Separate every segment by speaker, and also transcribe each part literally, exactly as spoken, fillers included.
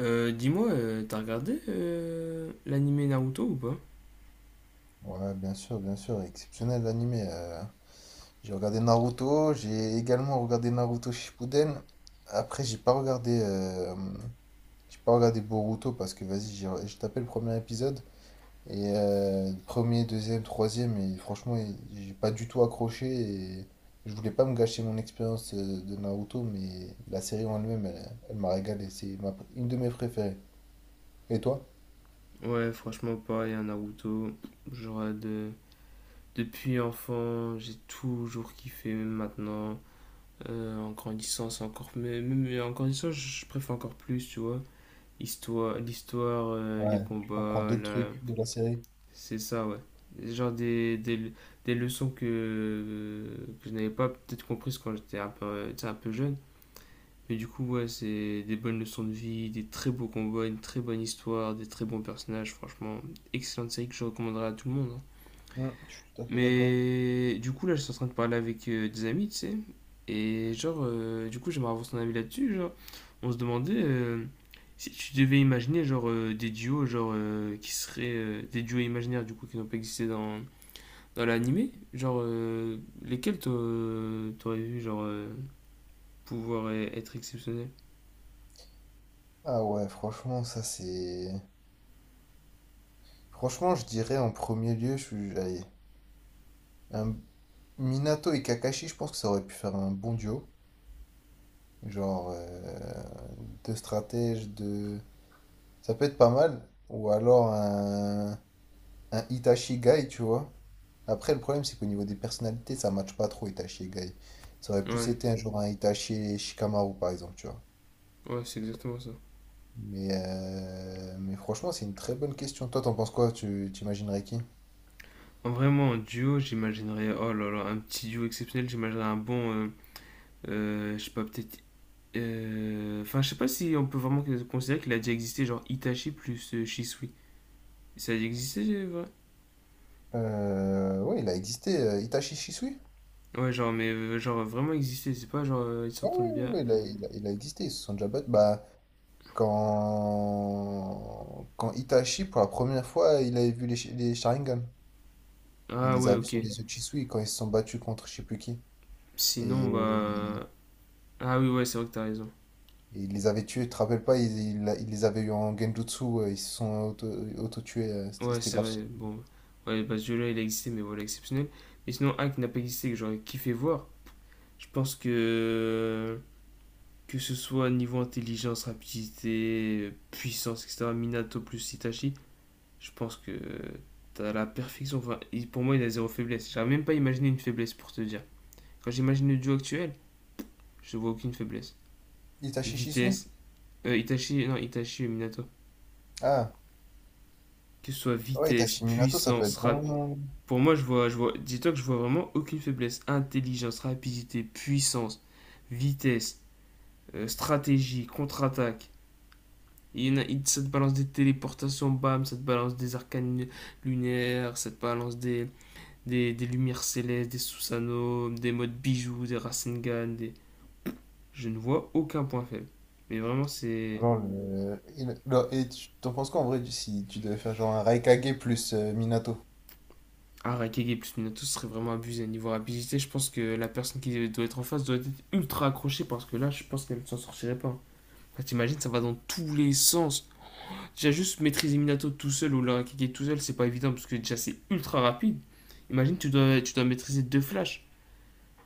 Speaker 1: Euh, dis-moi, euh, t'as regardé euh, l'animé Naruto ou pas?
Speaker 2: Ouais, bien sûr, bien sûr, exceptionnel l'animé. euh. J'ai regardé Naruto, j'ai également regardé Naruto Shippuden. Après, j'ai pas regardé, euh, j'ai pas regardé Boruto parce que vas-y, j'ai j'ai tapé le premier épisode et euh, premier, deuxième, troisième et franchement, j'ai pas du tout accroché et je voulais pas me gâcher mon expérience euh, de Naruto, mais la série en elle-même, elle, elle m'a régalé. C'est ma pr- une de mes préférées. Et toi?
Speaker 1: Ouais, franchement, pareil, un Naruto. Genre, euh, de... depuis enfant, j'ai toujours kiffé, même maintenant. Euh, en grandissant, c'est encore. Mais, même en grandissant, je je préfère encore plus, tu vois. Histoire, l'histoire, euh, les
Speaker 2: Ouais, tu comprends
Speaker 1: combats,
Speaker 2: d'autres
Speaker 1: la...
Speaker 2: trucs de la série.
Speaker 1: c'est ça, ouais. Genre des, des, des leçons que, que je n'avais pas peut-être comprises quand j'étais un peu, tu sais, un peu jeune. Mais du coup, ouais, c'est des bonnes leçons de vie, des très beaux combats, une très bonne histoire, des très bons personnages. Franchement, excellente série que je recommanderais à tout le monde, hein.
Speaker 2: Hmm, je suis tout à fait d'accord avec.
Speaker 1: Mais du coup, là, je suis en train de parler avec euh, des amis, tu sais. Et genre, euh, du coup, j'aimerais avoir son avis là-dessus. Genre, on se demandait euh, si tu devais imaginer, genre, euh, des duos, genre, euh, qui seraient euh, des duos imaginaires, du coup, qui n'ont pas existé dans, dans l'animé. Genre, euh, lesquels t'a- t'aurais vu, genre, euh, pouvoir euh, être exceptionnels?
Speaker 2: Ah ouais, franchement, ça c'est. Franchement, je dirais en premier lieu, je suis. Allez, un… Minato et Kakashi, je pense que ça aurait pu faire un bon duo. Genre, euh, deux stratèges, de. Ça peut être pas mal. Ou alors un, un Itachi Guy, tu vois. Après, le problème, c'est qu'au niveau des personnalités, ça matche pas trop Itachi et Guy. Ça aurait plus
Speaker 1: Ouais.
Speaker 2: été un genre un Itachi et Shikamaru, par exemple, tu vois.
Speaker 1: Ouais, c'est exactement ça.
Speaker 2: Mais, euh, Mais franchement, c'est une très bonne question. Toi, t'en penses quoi? Tu t'imaginerais qui?
Speaker 1: En vraiment, en duo, j'imaginerais, oh là là, un petit duo exceptionnel, j'imaginerais un bon, euh, euh, je sais pas, peut-être... euh, Enfin, je sais pas si on peut vraiment considérer qu'il a déjà existé, genre Itachi plus euh, Shisui. Ça a déjà existé, c'est vrai?
Speaker 2: Euh, ouais, il a existé, euh, Itachi Shisui?
Speaker 1: Ouais, genre, mais euh, genre vraiment existé, c'est pas genre euh, ils
Speaker 2: Oui,
Speaker 1: s'entendent bien.
Speaker 2: ouais, ouais, il a, il a- il a existé, ils se sont déjà battus. Bah, quand... quand Itachi, pour la première fois, il avait vu les, Shi- les Sharingan. Il
Speaker 1: Ah
Speaker 2: les
Speaker 1: ouais,
Speaker 2: a vus
Speaker 1: ok.
Speaker 2: sur les yeux de Shisui quand ils se sont battus contre je sais plus qui.
Speaker 1: Sinon,
Speaker 2: Et,
Speaker 1: bah... Ah oui, ouais, c'est vrai que t'as raison.
Speaker 2: et il les avait tués, tu te rappelles pas, il, il- il les avait eu en Genjutsu, euh, ils se sont auto, auto tués, c'était
Speaker 1: Ouais,
Speaker 2: c'était
Speaker 1: c'est
Speaker 2: grave.
Speaker 1: vrai,
Speaker 2: Stylé.
Speaker 1: bon. Ouais, bah ce duo-là, il a existé, mais voilà, exceptionnel. Mais sinon, un qui n'a pas existé, que j'aurais kiffé voir, je pense que... que ce soit niveau intelligence, rapidité, puissance, et cetera. Minato plus Itachi, je pense que t'as la perfection. Enfin, il- pour moi, il a zéro faiblesse. J'arrive même pas à imaginer une faiblesse pour te dire. Quand j'imagine le duo actuel, je vois aucune faiblesse.
Speaker 2: Itachi Shisui?
Speaker 1: Vitesse, euh, Itachi, non, Itachi et Minato.
Speaker 2: Ah,
Speaker 1: Que ce soit
Speaker 2: ouais,
Speaker 1: vitesse,
Speaker 2: Itachi Minato, ça peut
Speaker 1: puissance,
Speaker 2: être
Speaker 1: rap.
Speaker 2: bon.
Speaker 1: Pour moi, je vois, je vois, dis-toi que je vois vraiment aucune faiblesse. Intelligence, rapidité, puissance, vitesse, euh, stratégie, contre-attaque. Il y en a, ça te balance des téléportations, bam, ça te balance des arcanes lunaires, ça te balance des, des, des lumières célestes, des Susanoo, des modes bijoux, des Rasengan, des... Je ne vois aucun point faible. Mais vraiment, c'est...
Speaker 2: Non, le- et, le- non, et tu t'en penses quoi en vrai du- si tu devais faire genre un Raikage plus euh, Minato?
Speaker 1: Ah, Raikage plus Minato serait vraiment abusé. Niveau rapidité, je pense que la personne qui doit être en face doit être ultra accrochée parce que là, je pense qu'elle ne s'en sortirait pas. Enfin, t'imagines, ça va dans tous les sens. Déjà, juste maîtriser Minato tout seul ou l'Arakeke tout seul, c'est pas évident parce que déjà c'est ultra rapide. Imagine, tu dois, tu dois maîtriser deux flashs.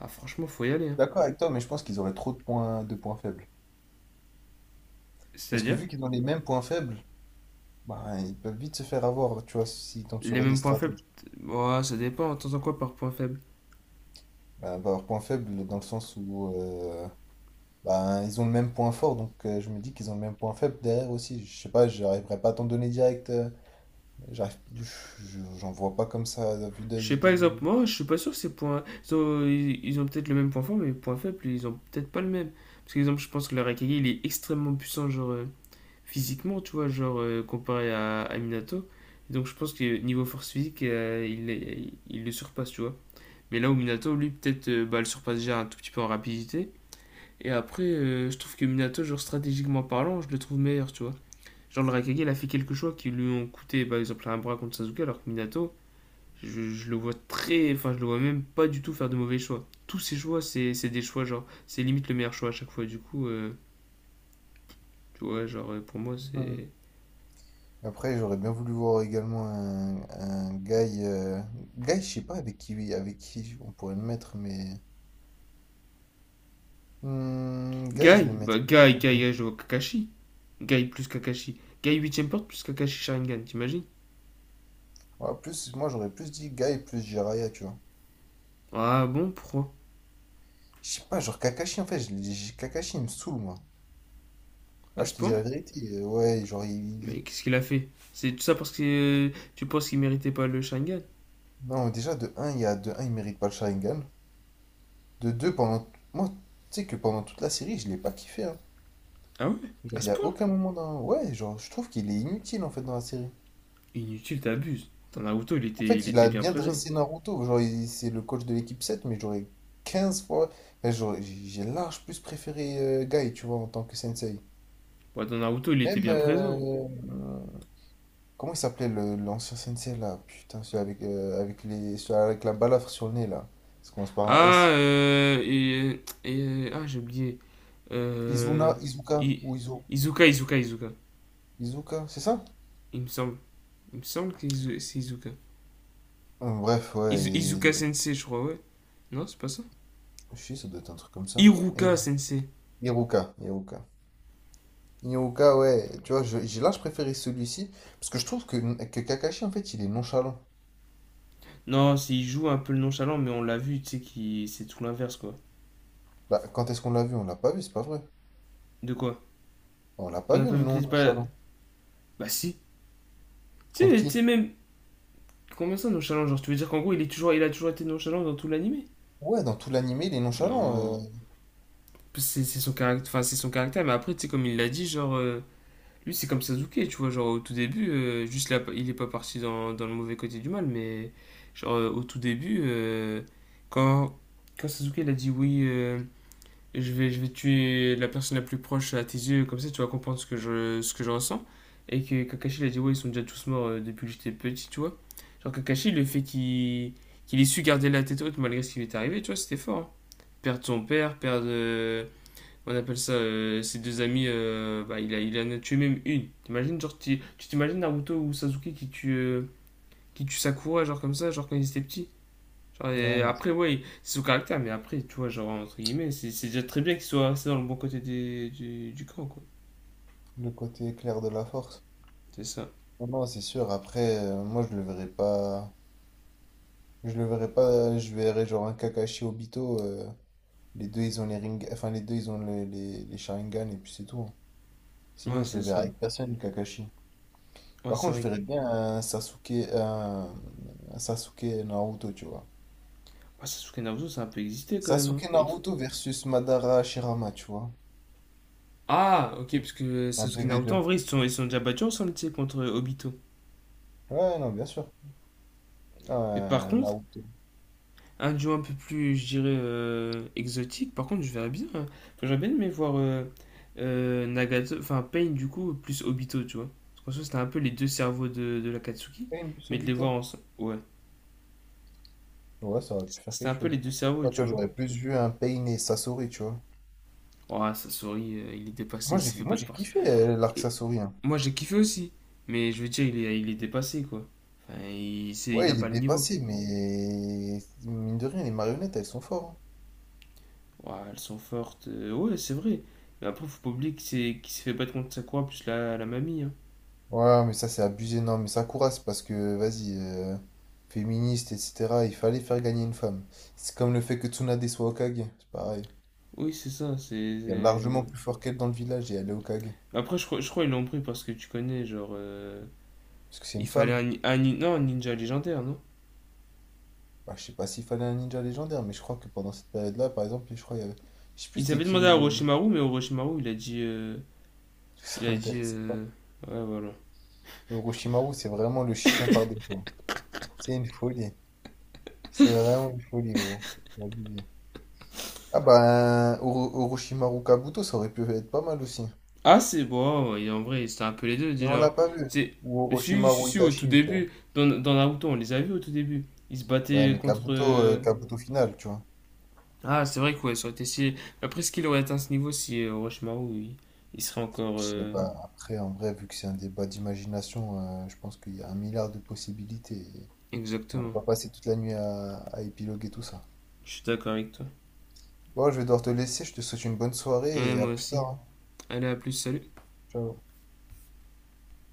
Speaker 1: Ah, franchement, faut y aller, hein.
Speaker 2: D'accord avec toi, mais je pense qu'ils auraient trop de points, de points, faibles. Parce que
Speaker 1: C'est-à-dire,
Speaker 2: vu qu'ils ont les mêmes points faibles, bah, ils peuvent vite se faire avoir, tu vois, s'ils tombent
Speaker 1: les
Speaker 2: sur des
Speaker 1: mêmes points faibles.
Speaker 2: stratèges.
Speaker 1: Ouais, ça dépend. T'entends quoi par point faible?
Speaker 2: Bah, bah, leurs points faibles dans le sens où euh, bah, ils ont le même point fort, donc euh, je me dis qu'ils ont le même point faible derrière aussi. Je sais pas, j'arriverai pas à t'en donner direct. euh, j'arrive, je- j'en vois pas comme ça à vue
Speaker 1: Je sais
Speaker 2: d'œil
Speaker 1: pas, exemple,
Speaker 2: des…
Speaker 1: moi, je suis pas sûr que ces points. so, Ils ont, ils- ont peut-être le même point fort, mais les points faibles, ils ont peut-être pas le même. Parce que, exemple, je pense que l'Arakeke, il est extrêmement puissant, genre euh, physiquement, tu vois, genre euh, comparé à, à Minato. Donc, je pense que niveau force physique, euh, il, est- il le surpasse, tu vois. Mais là où Minato, lui, peut-être, euh, bah, le surpasse déjà un tout petit peu en rapidité. Et après, euh, je trouve que Minato, genre stratégiquement parlant, je le trouve meilleur, tu vois. Genre le Raikage, il a fait quelques choix qui lui ont coûté, par exemple, un bras contre Sasuke, alors que Minato, je, je le vois très. Enfin, je le vois même pas du tout faire de mauvais choix. Tous ses choix, c'est c'est des choix, genre, c'est limite le meilleur choix à chaque fois, du coup, euh, tu vois, genre, euh, pour moi, c'est.
Speaker 2: Après, j'aurais bien voulu voir également un, un, Guy. euh, Guy, je sais pas avec qui, avec qui on pourrait le mettre, mais. Hmm, Guy,
Speaker 1: Guy
Speaker 2: je le
Speaker 1: Bah,
Speaker 2: mettrais.
Speaker 1: Guy,
Speaker 2: Ah
Speaker 1: Guy,
Speaker 2: ouais.
Speaker 1: Guy, je vois Kakashi. Guy plus Kakashi. Guy huitième porte plus Kakashi Sharingan, t'imagines?
Speaker 2: Ouais, plus, moi, j'aurais plus dit Guy plus Jiraya, tu vois.
Speaker 1: Ah bon, pourquoi?
Speaker 2: Je sais pas, genre Kakashi, en fait, je l'ai- j'ai- Kakashi, il me saoule, moi.
Speaker 1: À
Speaker 2: Là, je
Speaker 1: ce
Speaker 2: te dis
Speaker 1: point?
Speaker 2: la vérité. euh, Ouais, genre, il. Il-
Speaker 1: Mais qu'est-ce qu'il a fait? C'est tout ça parce que euh, tu penses qu'il méritait pas le Shangan?
Speaker 2: non, déjà, de un il y a, de un il mérite pas le Sharingan. De deux pendant. Moi, tu sais que pendant toute la série, je l'ai pas kiffé, hein.
Speaker 1: Ah ouais? À
Speaker 2: Genre, il
Speaker 1: ce
Speaker 2: y a
Speaker 1: point?
Speaker 2: aucun moment dans. Ouais, genre, je trouve qu'il est inutile, en fait, dans la série.
Speaker 1: Inutile, t'abuses. Dans Naruto, il
Speaker 2: En
Speaker 1: était, il
Speaker 2: fait, il
Speaker 1: était
Speaker 2: a
Speaker 1: bien
Speaker 2: bien
Speaker 1: présent.
Speaker 2: dressé Naruto. Genre, il- c'est le coach de l'équipe sept, mais j'aurais quinze fois. Enfin, j'aurais- j'ai large plus préféré euh, Guy, tu vois, en tant que sensei.
Speaker 1: Ouais, dans Naruto, il était
Speaker 2: Même.
Speaker 1: bien présent.
Speaker 2: euh, hum, comment il s'appelait le- l'ancien sensei là? Putain, celui avec, euh, avec, les, celui avec la balafre sur le nez là. Ça commence par un
Speaker 1: Ah,
Speaker 2: S.
Speaker 1: euh, et, et, euh, ah, j'ai oublié.
Speaker 2: Izuna,
Speaker 1: Euh,
Speaker 2: Izuka
Speaker 1: I-
Speaker 2: ou Izu.
Speaker 1: Izuka, Izuka, Izuka.
Speaker 2: Izuka, c'est ça?
Speaker 1: Il me semble, il me semble que c'est Izuka.
Speaker 2: Hum, Bref, ouais.
Speaker 1: Izu- Izuka
Speaker 2: Et…
Speaker 1: Sensei, je crois, ouais. Non, c'est pas ça.
Speaker 2: Je sais, ça doit être un truc comme ça. Et…
Speaker 1: Iruka Sensei.
Speaker 2: Iruka, Iruka. Yoga, ouais, tu vois, je- j'ai là, je préférais celui-ci, parce que je trouve que, que, Kakashi, en fait, il est nonchalant.
Speaker 1: Non, c'est- il joue un peu le nonchalant, mais on l'a vu, tu sais, qui c'est tout l'inverse, quoi.
Speaker 2: Bah, quand est-ce qu'on l'a vu? On l'a pas vu, c'est pas vrai.
Speaker 1: De quoi?
Speaker 2: On l'a
Speaker 1: Qu'on
Speaker 2: pas
Speaker 1: n'a
Speaker 2: vu,
Speaker 1: pas vu que
Speaker 2: non
Speaker 1: c'était pas.
Speaker 2: nonchalant.
Speaker 1: Bah si. Tu
Speaker 2: Contre
Speaker 1: sais, tu
Speaker 2: qui?
Speaker 1: même. Combien ça, nonchalant? Genre, tu veux dire qu'en gros, il, est toujours, il a toujours été nonchalant dans tout l'animé?
Speaker 2: Ouais, dans tout l'animé, il est nonchalant. euh.
Speaker 1: Non. C'est c'est son, caractère enfin, c'est son caractère, mais après, tu sais, comme il l'a dit, genre, euh, lui, c'est comme Sasuke, tu vois, genre au tout début, euh, juste là, il est pas parti dans, dans le mauvais côté du mal, mais genre euh, au tout début, euh, quand, quand Sasuke il a dit oui, euh, et je vais, je vais tuer la personne la plus proche à tes yeux, comme ça tu vas comprendre ce que je, ce que je ressens. Et que Kakashi, il a dit, ouais, ils sont déjà tous morts euh, depuis que j'étais petit, tu vois. Genre Kakashi, le fait qu'il qu'il ait su garder la tête haute malgré ce qui lui est arrivé, tu vois, c'était fort, hein. Perdre son père, perdre, euh, on appelle ça, euh, ses deux amis, euh, bah, il, a, il en a tué même une. T'imagines, genre, tu tu t'imagines Naruto ou Sasuke qui tue, euh, qui tue Sakura, genre comme ça, genre quand ils étaient petits? Genre,
Speaker 2: Ouais,
Speaker 1: et
Speaker 2: non, c'est
Speaker 1: après, ouais, c'est son caractère, mais après, tu vois, genre, entre guillemets, c'est c'est déjà très bien qu'il soit resté dans le bon côté des- du, du camp, quoi.
Speaker 2: le côté clair de la force.
Speaker 1: C'est ça.
Speaker 2: Non, non, c'est sûr, après, euh, moi, je le verrai pas… Je le verrai pas, je verrai genre un Kakashi Obito, euh, les deux, ils ont les ring... Enfin, les deux, ils ont les, les, les Sharingan, et puis c'est tout, hein. Sinon,
Speaker 1: Ouais,
Speaker 2: je
Speaker 1: c'est
Speaker 2: le verrai
Speaker 1: ça.
Speaker 2: avec personne, Kakashi.
Speaker 1: Ouais,
Speaker 2: Par
Speaker 1: c'est
Speaker 2: contre, je
Speaker 1: vrai.
Speaker 2: verrais bien un Sasuke, un, un Sasuke Naruto, tu vois.
Speaker 1: que- Ouais, Sasuke Naruto, ça a un peu existé quand même, hein.
Speaker 2: Sasuke
Speaker 1: Contre-
Speaker 2: Naruto versus Madara Shirama, tu vois.
Speaker 1: Ah, ok, parce que
Speaker 2: Un
Speaker 1: Sasuke Naruto,
Speaker 2: deux v deux.
Speaker 1: en vrai, ils se sont, ils se sont déjà battus ensemble, tu sais, contre Obito.
Speaker 2: Ouais, non, bien sûr.
Speaker 1: Mais par
Speaker 2: Un
Speaker 1: contre,
Speaker 2: Naruto.
Speaker 1: un duo un peu plus, je dirais, euh, exotique, par contre, je verrais bien, hein. Enfin, j'aurais bien aimé voir euh, euh, Nagato, enfin Pain, du coup, plus Obito, tu vois. Parce qu'en soi, c'était un peu les deux cerveaux de, de l'Akatsuki,
Speaker 2: Pain plus
Speaker 1: mais de les voir
Speaker 2: Obito.
Speaker 1: ensemble. Ouais.
Speaker 2: Ouais, ça aurait pu faire
Speaker 1: C'était un
Speaker 2: quelque
Speaker 1: peu les
Speaker 2: chose.
Speaker 1: deux cerveaux,
Speaker 2: Ouais, tu
Speaker 1: tu
Speaker 2: vois,
Speaker 1: vois.
Speaker 2: j'aurais plus vu un Pain et Sasori, tu vois.
Speaker 1: Ouah, Sasori, euh, il est dépassé,
Speaker 2: Moi,
Speaker 1: il
Speaker 2: j'ai
Speaker 1: s'est fait
Speaker 2: moi,
Speaker 1: pas de
Speaker 2: j'ai
Speaker 1: passe.
Speaker 2: kiffé euh, l'arc
Speaker 1: Et
Speaker 2: Sasori, hein.
Speaker 1: moi, j'ai kiffé aussi. Mais je veux dire, il est, il est dépassé, quoi. Enfin, il, c'est- il
Speaker 2: Ouais,
Speaker 1: a
Speaker 2: il est
Speaker 1: pas le niveau.
Speaker 2: dépassé, mais mine de rien, les marionnettes, elles sont fortes, hein.
Speaker 1: Ouah, elles sont fortes. Euh, ouais, c'est vrai. Mais après, faut pas oublier qu'il s'est qu'il s'est fait battre contre Sakura plus la, la mamie, hein.
Speaker 2: Ouais, mais ça c'est abusé, non, mais ça courasse parce que, vas-y, euh, féministe, et cetera, il fallait faire gagner une femme. C'est comme le fait que Tsunade soit Hokage, c'est pareil.
Speaker 1: Oui, c'est ça. c'est...
Speaker 2: Il y a
Speaker 1: c'est-
Speaker 2: largement plus fort qu'elle dans le village et elle est Hokage.
Speaker 1: Après, je crois, je crois qu'ils l'ont pris parce que tu connais, genre. euh,
Speaker 2: Parce que c'est une
Speaker 1: Il fallait
Speaker 2: femme.
Speaker 1: un, ni- un ni- non, un ninja légendaire, non?
Speaker 2: Bah, je sais pas s'il fallait un ninja légendaire, mais je crois que pendant cette période-là, par exemple, je crois qu'il y avait… Je sais plus
Speaker 1: Ils
Speaker 2: c'était
Speaker 1: avaient
Speaker 2: qui
Speaker 1: demandé
Speaker 2: le…
Speaker 1: à Orochimaru, mais Orochimaru, il a dit. euh,
Speaker 2: Ça
Speaker 1: Il a dit.
Speaker 2: m'intéresse pas.
Speaker 1: euh, Ouais, voilà.
Speaker 2: Le Orochimaru, c'est vraiment le chien par défaut. C'est une folie. C'est vraiment une folie, gros. C'est abusé. Ah bah, un Oro- Orochimaru Kabuto, ça aurait pu être pas mal aussi.
Speaker 1: Ah, c'est bon, et en vrai, c'était un peu les deux
Speaker 2: Mais on l'a
Speaker 1: déjà.
Speaker 2: pas vu.
Speaker 1: C'est,
Speaker 2: Ou
Speaker 1: si, si,
Speaker 2: Orochimaru
Speaker 1: si, au tout
Speaker 2: Itachi, tu vois.
Speaker 1: début, dans, dans Naruto, on les a vus au tout début. Ils se
Speaker 2: Ouais,
Speaker 1: battaient
Speaker 2: mais
Speaker 1: contre.
Speaker 2: Kabuto, euh,
Speaker 1: euh,
Speaker 2: Kabuto final, tu vois.
Speaker 1: Ah, c'est vrai quoi, ça aurait été si. Après, est-ce qu'il aurait atteint ce niveau si euh, Orochimaru, il, il serait encore.
Speaker 2: Je sais
Speaker 1: euh,
Speaker 2: pas. Après, en vrai, vu que c'est un débat d'imagination, euh, je pense qu'il y a un milliard de possibilités. Et on va
Speaker 1: Exactement.
Speaker 2: pas passer toute la nuit à, à épiloguer tout ça.
Speaker 1: Je suis d'accord avec toi.
Speaker 2: Bon, je vais devoir te laisser. Je te souhaite une bonne soirée
Speaker 1: Ouais,
Speaker 2: et à
Speaker 1: moi
Speaker 2: plus
Speaker 1: aussi.
Speaker 2: tard, hein.
Speaker 1: Allez, à plus, salut.
Speaker 2: Ciao.